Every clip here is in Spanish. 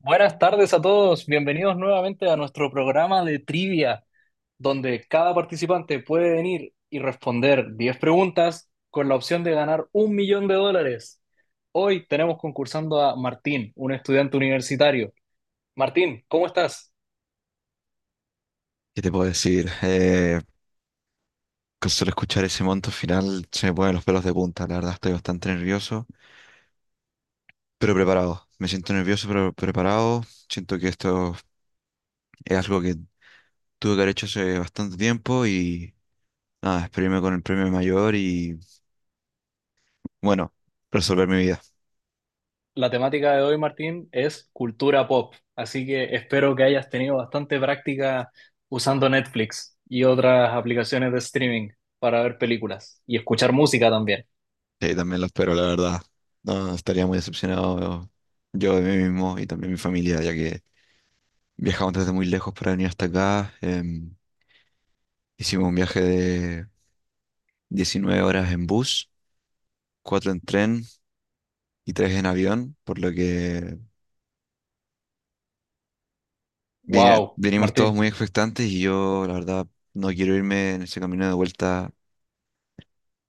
Buenas tardes a todos, bienvenidos nuevamente a nuestro programa de trivia, donde cada participante puede venir y responder 10 preguntas con la opción de ganar un millón de dólares. Hoy tenemos concursando a Martín, un estudiante universitario. Martín, ¿cómo estás? ¿Qué te puedo decir? Con solo escuchar ese monto final se me ponen los pelos de punta. La verdad estoy bastante nervioso, pero preparado. Me siento nervioso, pero preparado. Siento que esto es algo que tuve que haber hecho hace bastante tiempo y nada, espero irme con el premio mayor y bueno, resolver mi vida. La temática de hoy, Martín, es cultura pop, así que espero que hayas tenido bastante práctica usando Netflix y otras aplicaciones de streaming para ver películas y escuchar música también. Sí, también lo espero, la verdad. No, estaría muy decepcionado yo de mí mismo y también mi familia, ya que viajamos desde muy lejos para venir hasta acá. Hicimos un viaje de 19 horas en bus, cuatro en tren y tres en avión, por lo que vine- Wow, venimos todos Martín. muy expectantes y yo, la verdad, no quiero irme en ese camino de vuelta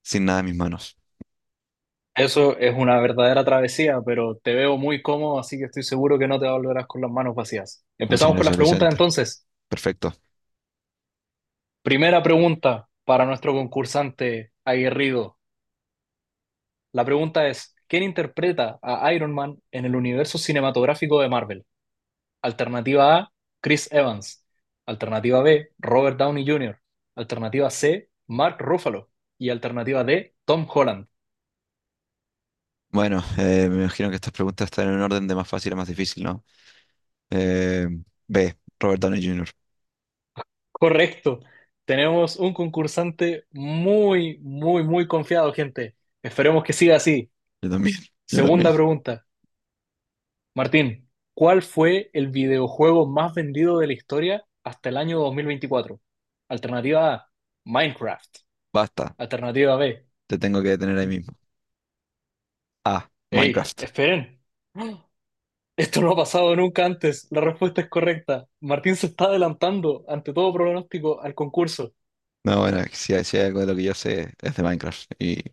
sin nada en mis manos. Eso es una verdadera travesía, pero te veo muy cómodo, así que estoy seguro que no te volverás con las manos vacías. Muchas Empezamos con gracias, las preguntas Vicente. entonces. Perfecto. Primera pregunta para nuestro concursante aguerrido. La pregunta es, ¿quién interpreta a Iron Man en el universo cinematográfico de Marvel? Alternativa A, Chris Evans. Alternativa B, Robert Downey Jr. Alternativa C, Mark Ruffalo. Y alternativa D, Tom Holland. Bueno, me imagino que estas preguntas están en un orden de más fácil a más difícil, ¿no? Eh, B, Robert Downey Jr. Correcto. Tenemos un concursante muy, muy, muy confiado, gente. Esperemos que siga así. Yo también, yo también. Segunda pregunta. Martín, ¿cuál fue el videojuego más vendido de la historia hasta el año 2024? Alternativa A, Minecraft. Basta, Alternativa B. te tengo que detener ahí mismo. A, Ey, Minecraft. esperen. Esto no ha pasado nunca antes. La respuesta es correcta. Martín se está adelantando ante todo pronóstico al concurso. No, bueno, si hay algo de lo que yo sé es de Minecraft y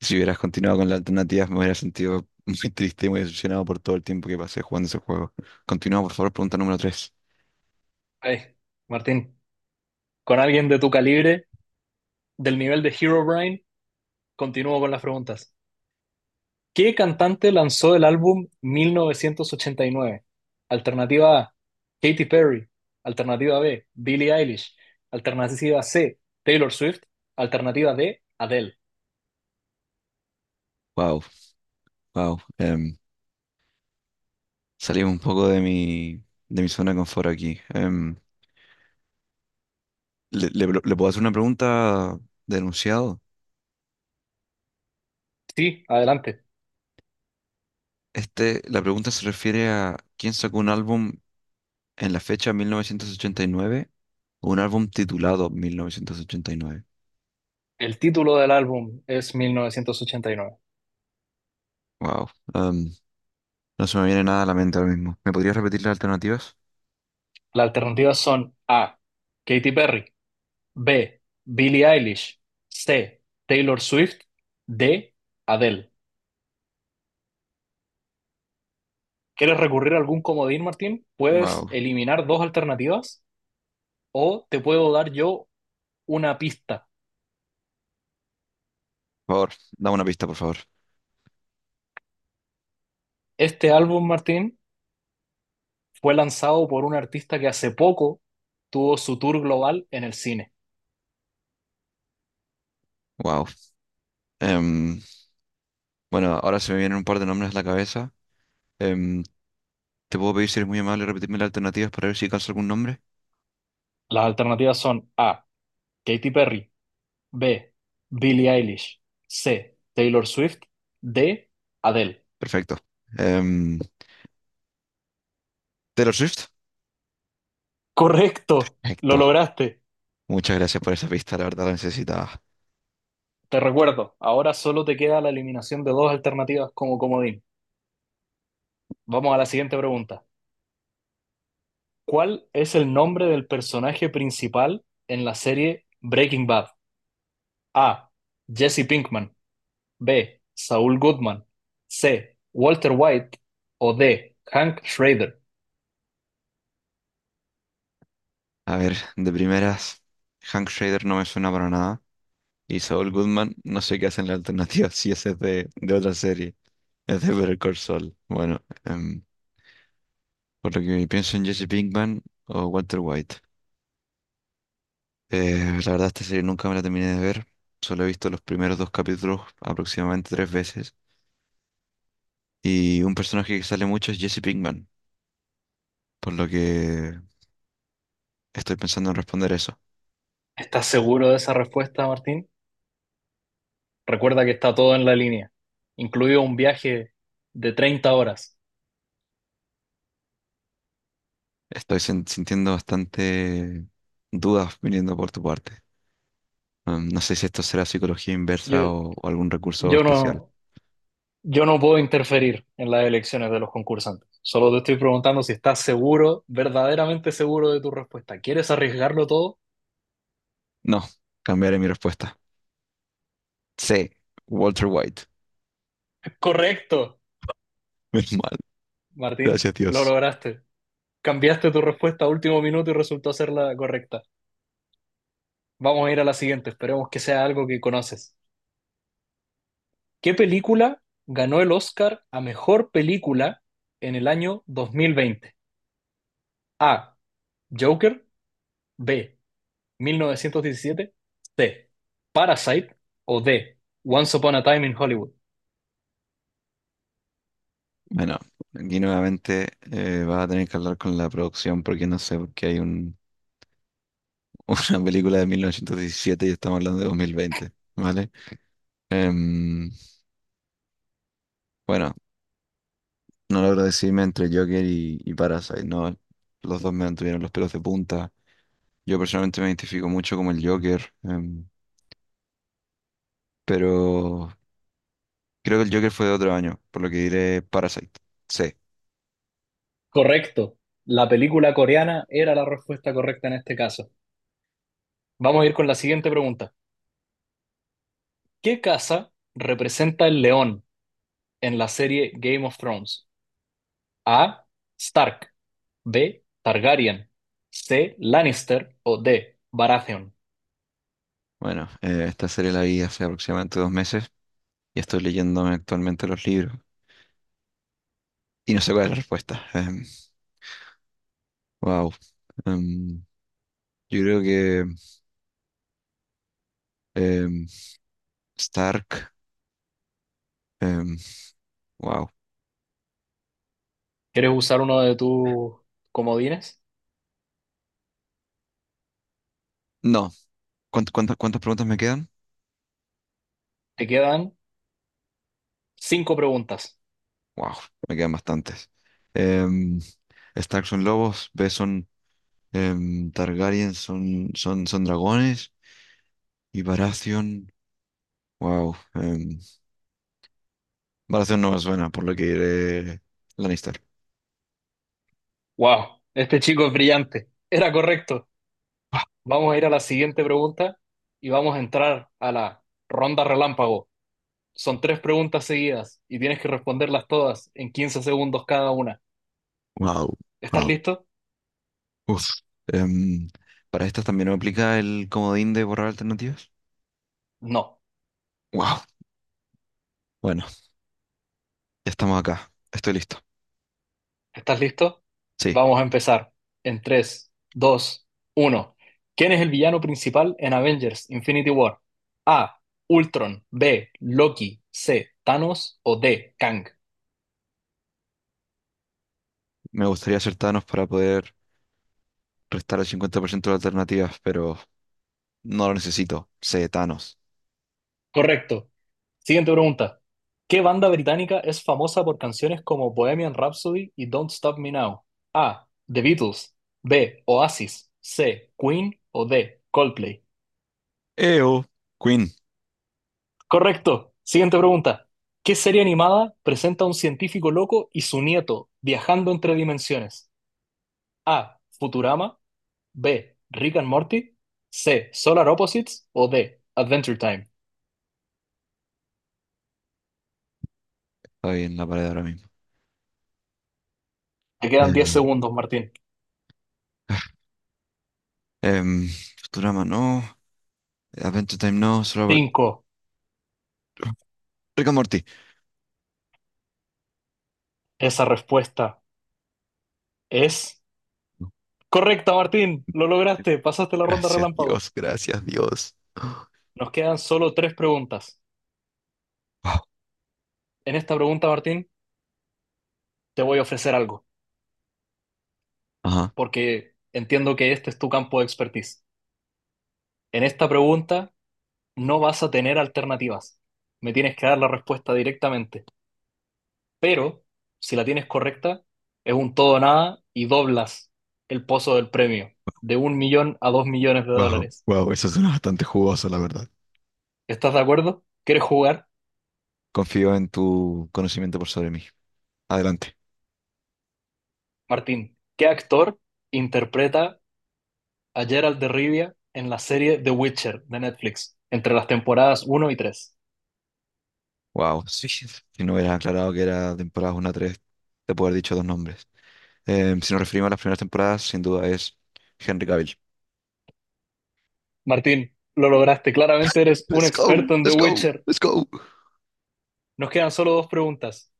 si hubieras continuado con la alternativa, me hubiera sentido muy triste y muy decepcionado por todo el tiempo que pasé jugando ese juego. Continúa, por favor, pregunta número tres. Ay, Martín, con alguien de tu calibre del nivel de Herobrine, continúo con las preguntas. ¿Qué cantante lanzó el álbum 1989? Alternativa A, Katy Perry. Alternativa B, Billie Eilish. Alternativa C, Taylor Swift. Alternativa D, Adele. Wow, wow. Salimos un poco de mi zona de confort aquí. ¿Le puedo hacer una pregunta denunciado? Sí, adelante. Este, la pregunta se refiere a quién sacó un álbum en la fecha 1989 o un álbum titulado 1989. El título del álbum es 1989. Wow. em, no se me viene nada a la mente ahora mismo. ¿Me podrías repetir las alternativas? Las alternativas son A, Katy Perry. B, Billie Eilish. C, Taylor Swift. D, Adele. ¿Quieres recurrir a algún comodín, Martín? Puedes Wow. eliminar dos alternativas o te puedo dar yo una pista. Por favor, dame una pista, por favor. Este álbum, Martín, fue lanzado por un artista que hace poco tuvo su tour global en el cine. Wow. Em, bueno, ahora se me vienen un par de nombres a la cabeza. Em, ¿te puedo pedir si eres muy amable repetirme las alternativas para ver si alcanzo algún nombre? Las alternativas son A. Katy Perry, B. Billie Eilish, C. Taylor Swift, D. Adele. Perfecto. Em, Taylor Swift. Correcto, lo Perfecto. lograste. Muchas gracias por esa pista, la verdad la necesitaba. Te recuerdo, ahora solo te queda la eliminación de dos alternativas como comodín. Vamos a la siguiente pregunta. ¿Cuál es el nombre del personaje principal en la serie Breaking Bad? A. Jesse Pinkman. B. Saul Goodman. C. Walter White. O D. Hank Schrader. A ver, de primeras, Hank Schrader no me suena para nada. Y Saul Goodman, no sé qué hacen la alternativa si ese es de otra serie. Es de Better Call Saul. Bueno, por lo que pienso en Jesse Pinkman o Walter White. La verdad, esta serie nunca me la terminé de ver. Solo he visto los primeros dos capítulos aproximadamente tres veces. Y un personaje que sale mucho es Jesse Pinkman, por lo que estoy pensando en responder eso. ¿Estás seguro de esa respuesta, Martín? Recuerda que está todo en la línea, incluido un viaje de 30 horas. Estoy sintiendo bastante dudas viniendo por tu parte. No sé si esto será psicología Yo, inversa o algún recurso yo especial. no, yo no puedo interferir en las elecciones de los concursantes. Solo te estoy preguntando si estás seguro, verdaderamente seguro de tu respuesta. ¿Quieres arriesgarlo todo? No, cambiaré mi respuesta. C. Walter White. Correcto, Menos mal. Martín, Gracias, lo Dios. lograste. Cambiaste tu respuesta a último minuto y resultó ser la correcta. Vamos a ir a la siguiente, esperemos que sea algo que conoces. ¿Qué película ganó el Oscar a mejor película en el año 2020? A. Joker. B. 1917. C. Parasite. O D. Once Upon a Time in Hollywood. Bueno, aquí nuevamente vas a tener que hablar con la producción porque no sé por qué hay un una película de 1917 y estamos hablando de 2020, ¿vale? Em, bueno, no logro decidirme entre Joker y Parasite, ¿no? Los dos me mantuvieron los pelos de punta. Yo personalmente me identifico mucho como el Joker, pero creo que el Joker fue de otro año, por lo que diré Parasite. Sí. Correcto. La película coreana era la respuesta correcta en este caso. Vamos a ir con la siguiente pregunta. ¿Qué casa representa el león en la serie Game of Thrones? A. Stark. B. Targaryen. C. Lannister. O D. Baratheon. Bueno, esta serie la vi hace aproximadamente 2 meses y estoy leyéndome actualmente los libros y no sé cuál es la respuesta. Wow. Em, yo creo que em, Stark. Em, wow. ¿Quieres usar uno de tus comodines? No. ¿Cuántas preguntas me quedan? Te quedan cinco preguntas. Wow, me quedan bastantes. Em, Stark son lobos, B son Targaryen, son dragones y Baratheon. Wow. Baratheon no me suena, por lo que iré Lannister. ¡Wow! Este chico es brillante. Era correcto. Vamos a ir a la siguiente pregunta y vamos a entrar a la ronda relámpago. Son tres preguntas seguidas y tienes que responderlas todas en 15 segundos cada una. Wow, ¿Estás wow. listo? Uf. Em, para estas también aplica el comodín de borrar alternativas. No. Wow. Bueno, ya estamos acá. Estoy listo. ¿Estás listo? Sí, Vamos a empezar en tres, dos, uno. ¿Quién es el villano principal en Avengers Infinity War? A. Ultron. B. Loki. C. Thanos. O D. Kang. me gustaría acertarnos para poder restar el 50% de alternativas, pero no lo necesito. Sé Thanos. Correcto. Siguiente pregunta. ¿Qué banda británica es famosa por canciones como Bohemian Rhapsody y Don't Stop Me Now? A. The Beatles. B. Oasis. C. Queen. O D. Coldplay. Eo. Queen. Correcto. Siguiente pregunta. ¿Qué serie animada presenta a un científico loco y su nieto viajando entre dimensiones? A. Futurama. B. Rick and Morty. C. Solar Opposites. O D. Adventure Time. Está ahí en la pared ahora mismo. Te quedan diez Em, segundos, Martín. em, Futurama, no. Adventure Time, no. Cinco. Rick and Morty. Esa respuesta es correcta, Martín. Lo lograste. Pasaste la ronda Gracias relámpago. Dios, gracias Dios. Nos quedan solo tres preguntas. Wow. En esta pregunta, Martín, te voy a ofrecer algo, Ajá. porque entiendo que este es tu campo de expertise. En esta pregunta no vas a tener alternativas. Me tienes que dar la respuesta directamente. Pero si la tienes correcta, es un todo o nada y doblas el pozo del premio de un millón a dos millones de Wow, dólares. wow, eso suena bastante jugoso, la verdad. ¿Estás de acuerdo? ¿Quieres jugar? Confío en tu conocimiento por sobre mí. Adelante. Martín, ¿qué actor interpreta a Geralt de Rivia en la serie The Witcher de Netflix entre las temporadas uno y 3? Wow. Sí, si no hubieras aclarado que era temporadas 1 a 3, te puedo haber dicho dos nombres. Si nos referimos a las primeras temporadas, sin duda es Henry Cavill. Martín, lo lograste. Claramente eres un Let's go, experto en The let's go, Witcher. let's go. Nos quedan solo dos preguntas.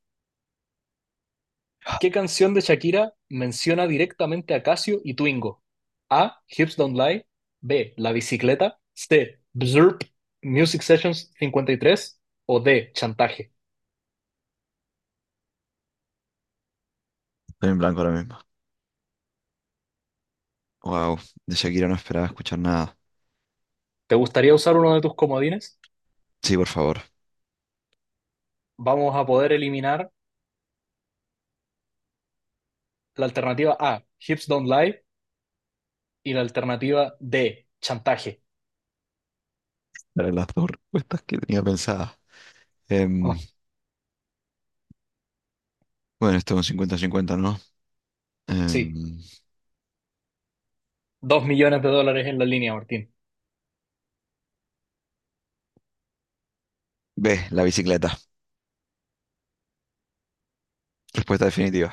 ¿Qué canción de Shakira menciona directamente a Casio y Twingo? A. Hips Don't Lie. B. La bicicleta. C. Bzurp. Music Sessions 53. O D. Chantaje. Estoy en blanco ahora mismo. Wow, de Shakira no esperaba escuchar nada. ¿Te gustaría usar uno de tus comodines? Sí, por favor, Vamos a poder eliminar la alternativa A. Hips Don't Lie. Y la alternativa D. Chantaje. eran las dos respuestas que tenía pensadas. Em, Ay, bueno, esto es un 50-50, ¿no? sí. Em, Dos millones de dólares en la línea, Martín. B, la bicicleta. Respuesta definitiva.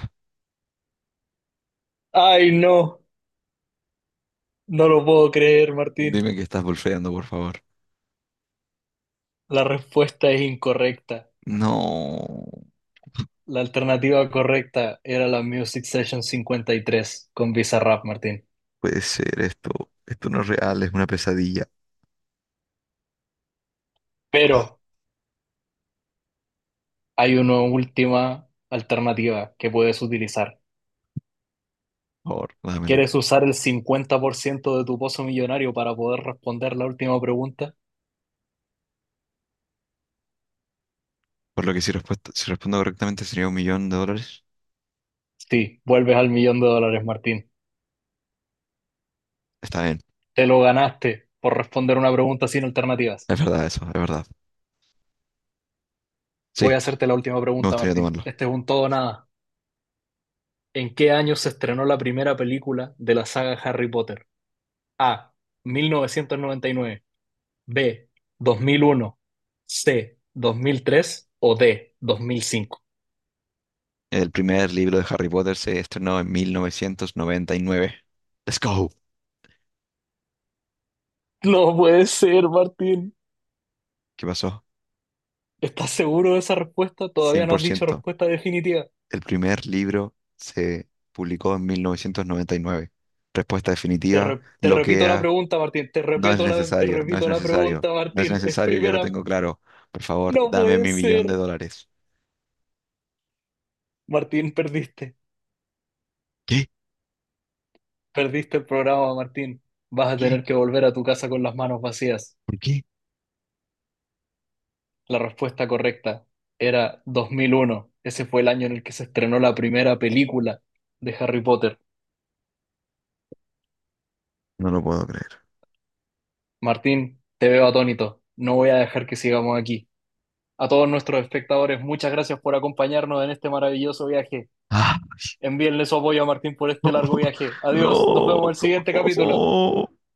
Ay, no. No lo puedo creer, Martín. Dime que estás bolfeando, por favor. La respuesta es incorrecta. No La alternativa correcta era la Music Session 53 con Bizarrap, Martín. puede ser esto. Esto no es real, es una pesadilla. Pero hay una última alternativa que puedes utilizar. Por favor, dámela. ¿Quieres usar el 50% de tu pozo millonario para poder responder la última pregunta? Por lo que si respondo correctamente sería un millón de dólares. Sí, vuelves al millón de dólares, Martín. Está bien. Te lo ganaste por responder una pregunta sin alternativas. Es verdad eso, es verdad. Sí, Voy a hacerte la última me pregunta, gustaría Martín. tomarlo. Este es un todo o nada. ¿En qué año se estrenó la primera película de la saga Harry Potter? A. 1999. B, 2001, C, 2003 o D, 2005. El primer libro de Harry Potter se estrenó en 1999. Let's go. No puede ser, Martín. ¿Qué pasó? ¿Estás seguro de esa respuesta? Todavía no has dicho 100%. respuesta definitiva. El primer libro se publicó en 1999. Respuesta Te, definitiva, re- te repito la loquea, pregunta, Martín. Te no es repito la, te necesario, no es repito la necesario, pregunta, no es Martín. Es necesario, ya lo primera. tengo claro. Por favor, No dame puede mi millón de ser. dólares. Martín, perdiste. ¿Qué? Perdiste el programa, Martín. Vas a ¿Qué? tener que volver a tu casa con las manos vacías. ¿Por qué? La respuesta correcta era 2001 Ese fue el año en el que se estrenó la primera película de Harry Potter. No lo puedo creer. Martín, te veo atónito. No voy a dejar que sigamos aquí. A todos nuestros espectadores, muchas gracias por acompañarnos en este maravilloso viaje. Ah, Envíenle su apoyo a Martín por este largo viaje. Adiós, nos no. vemos en el siguiente capítulo.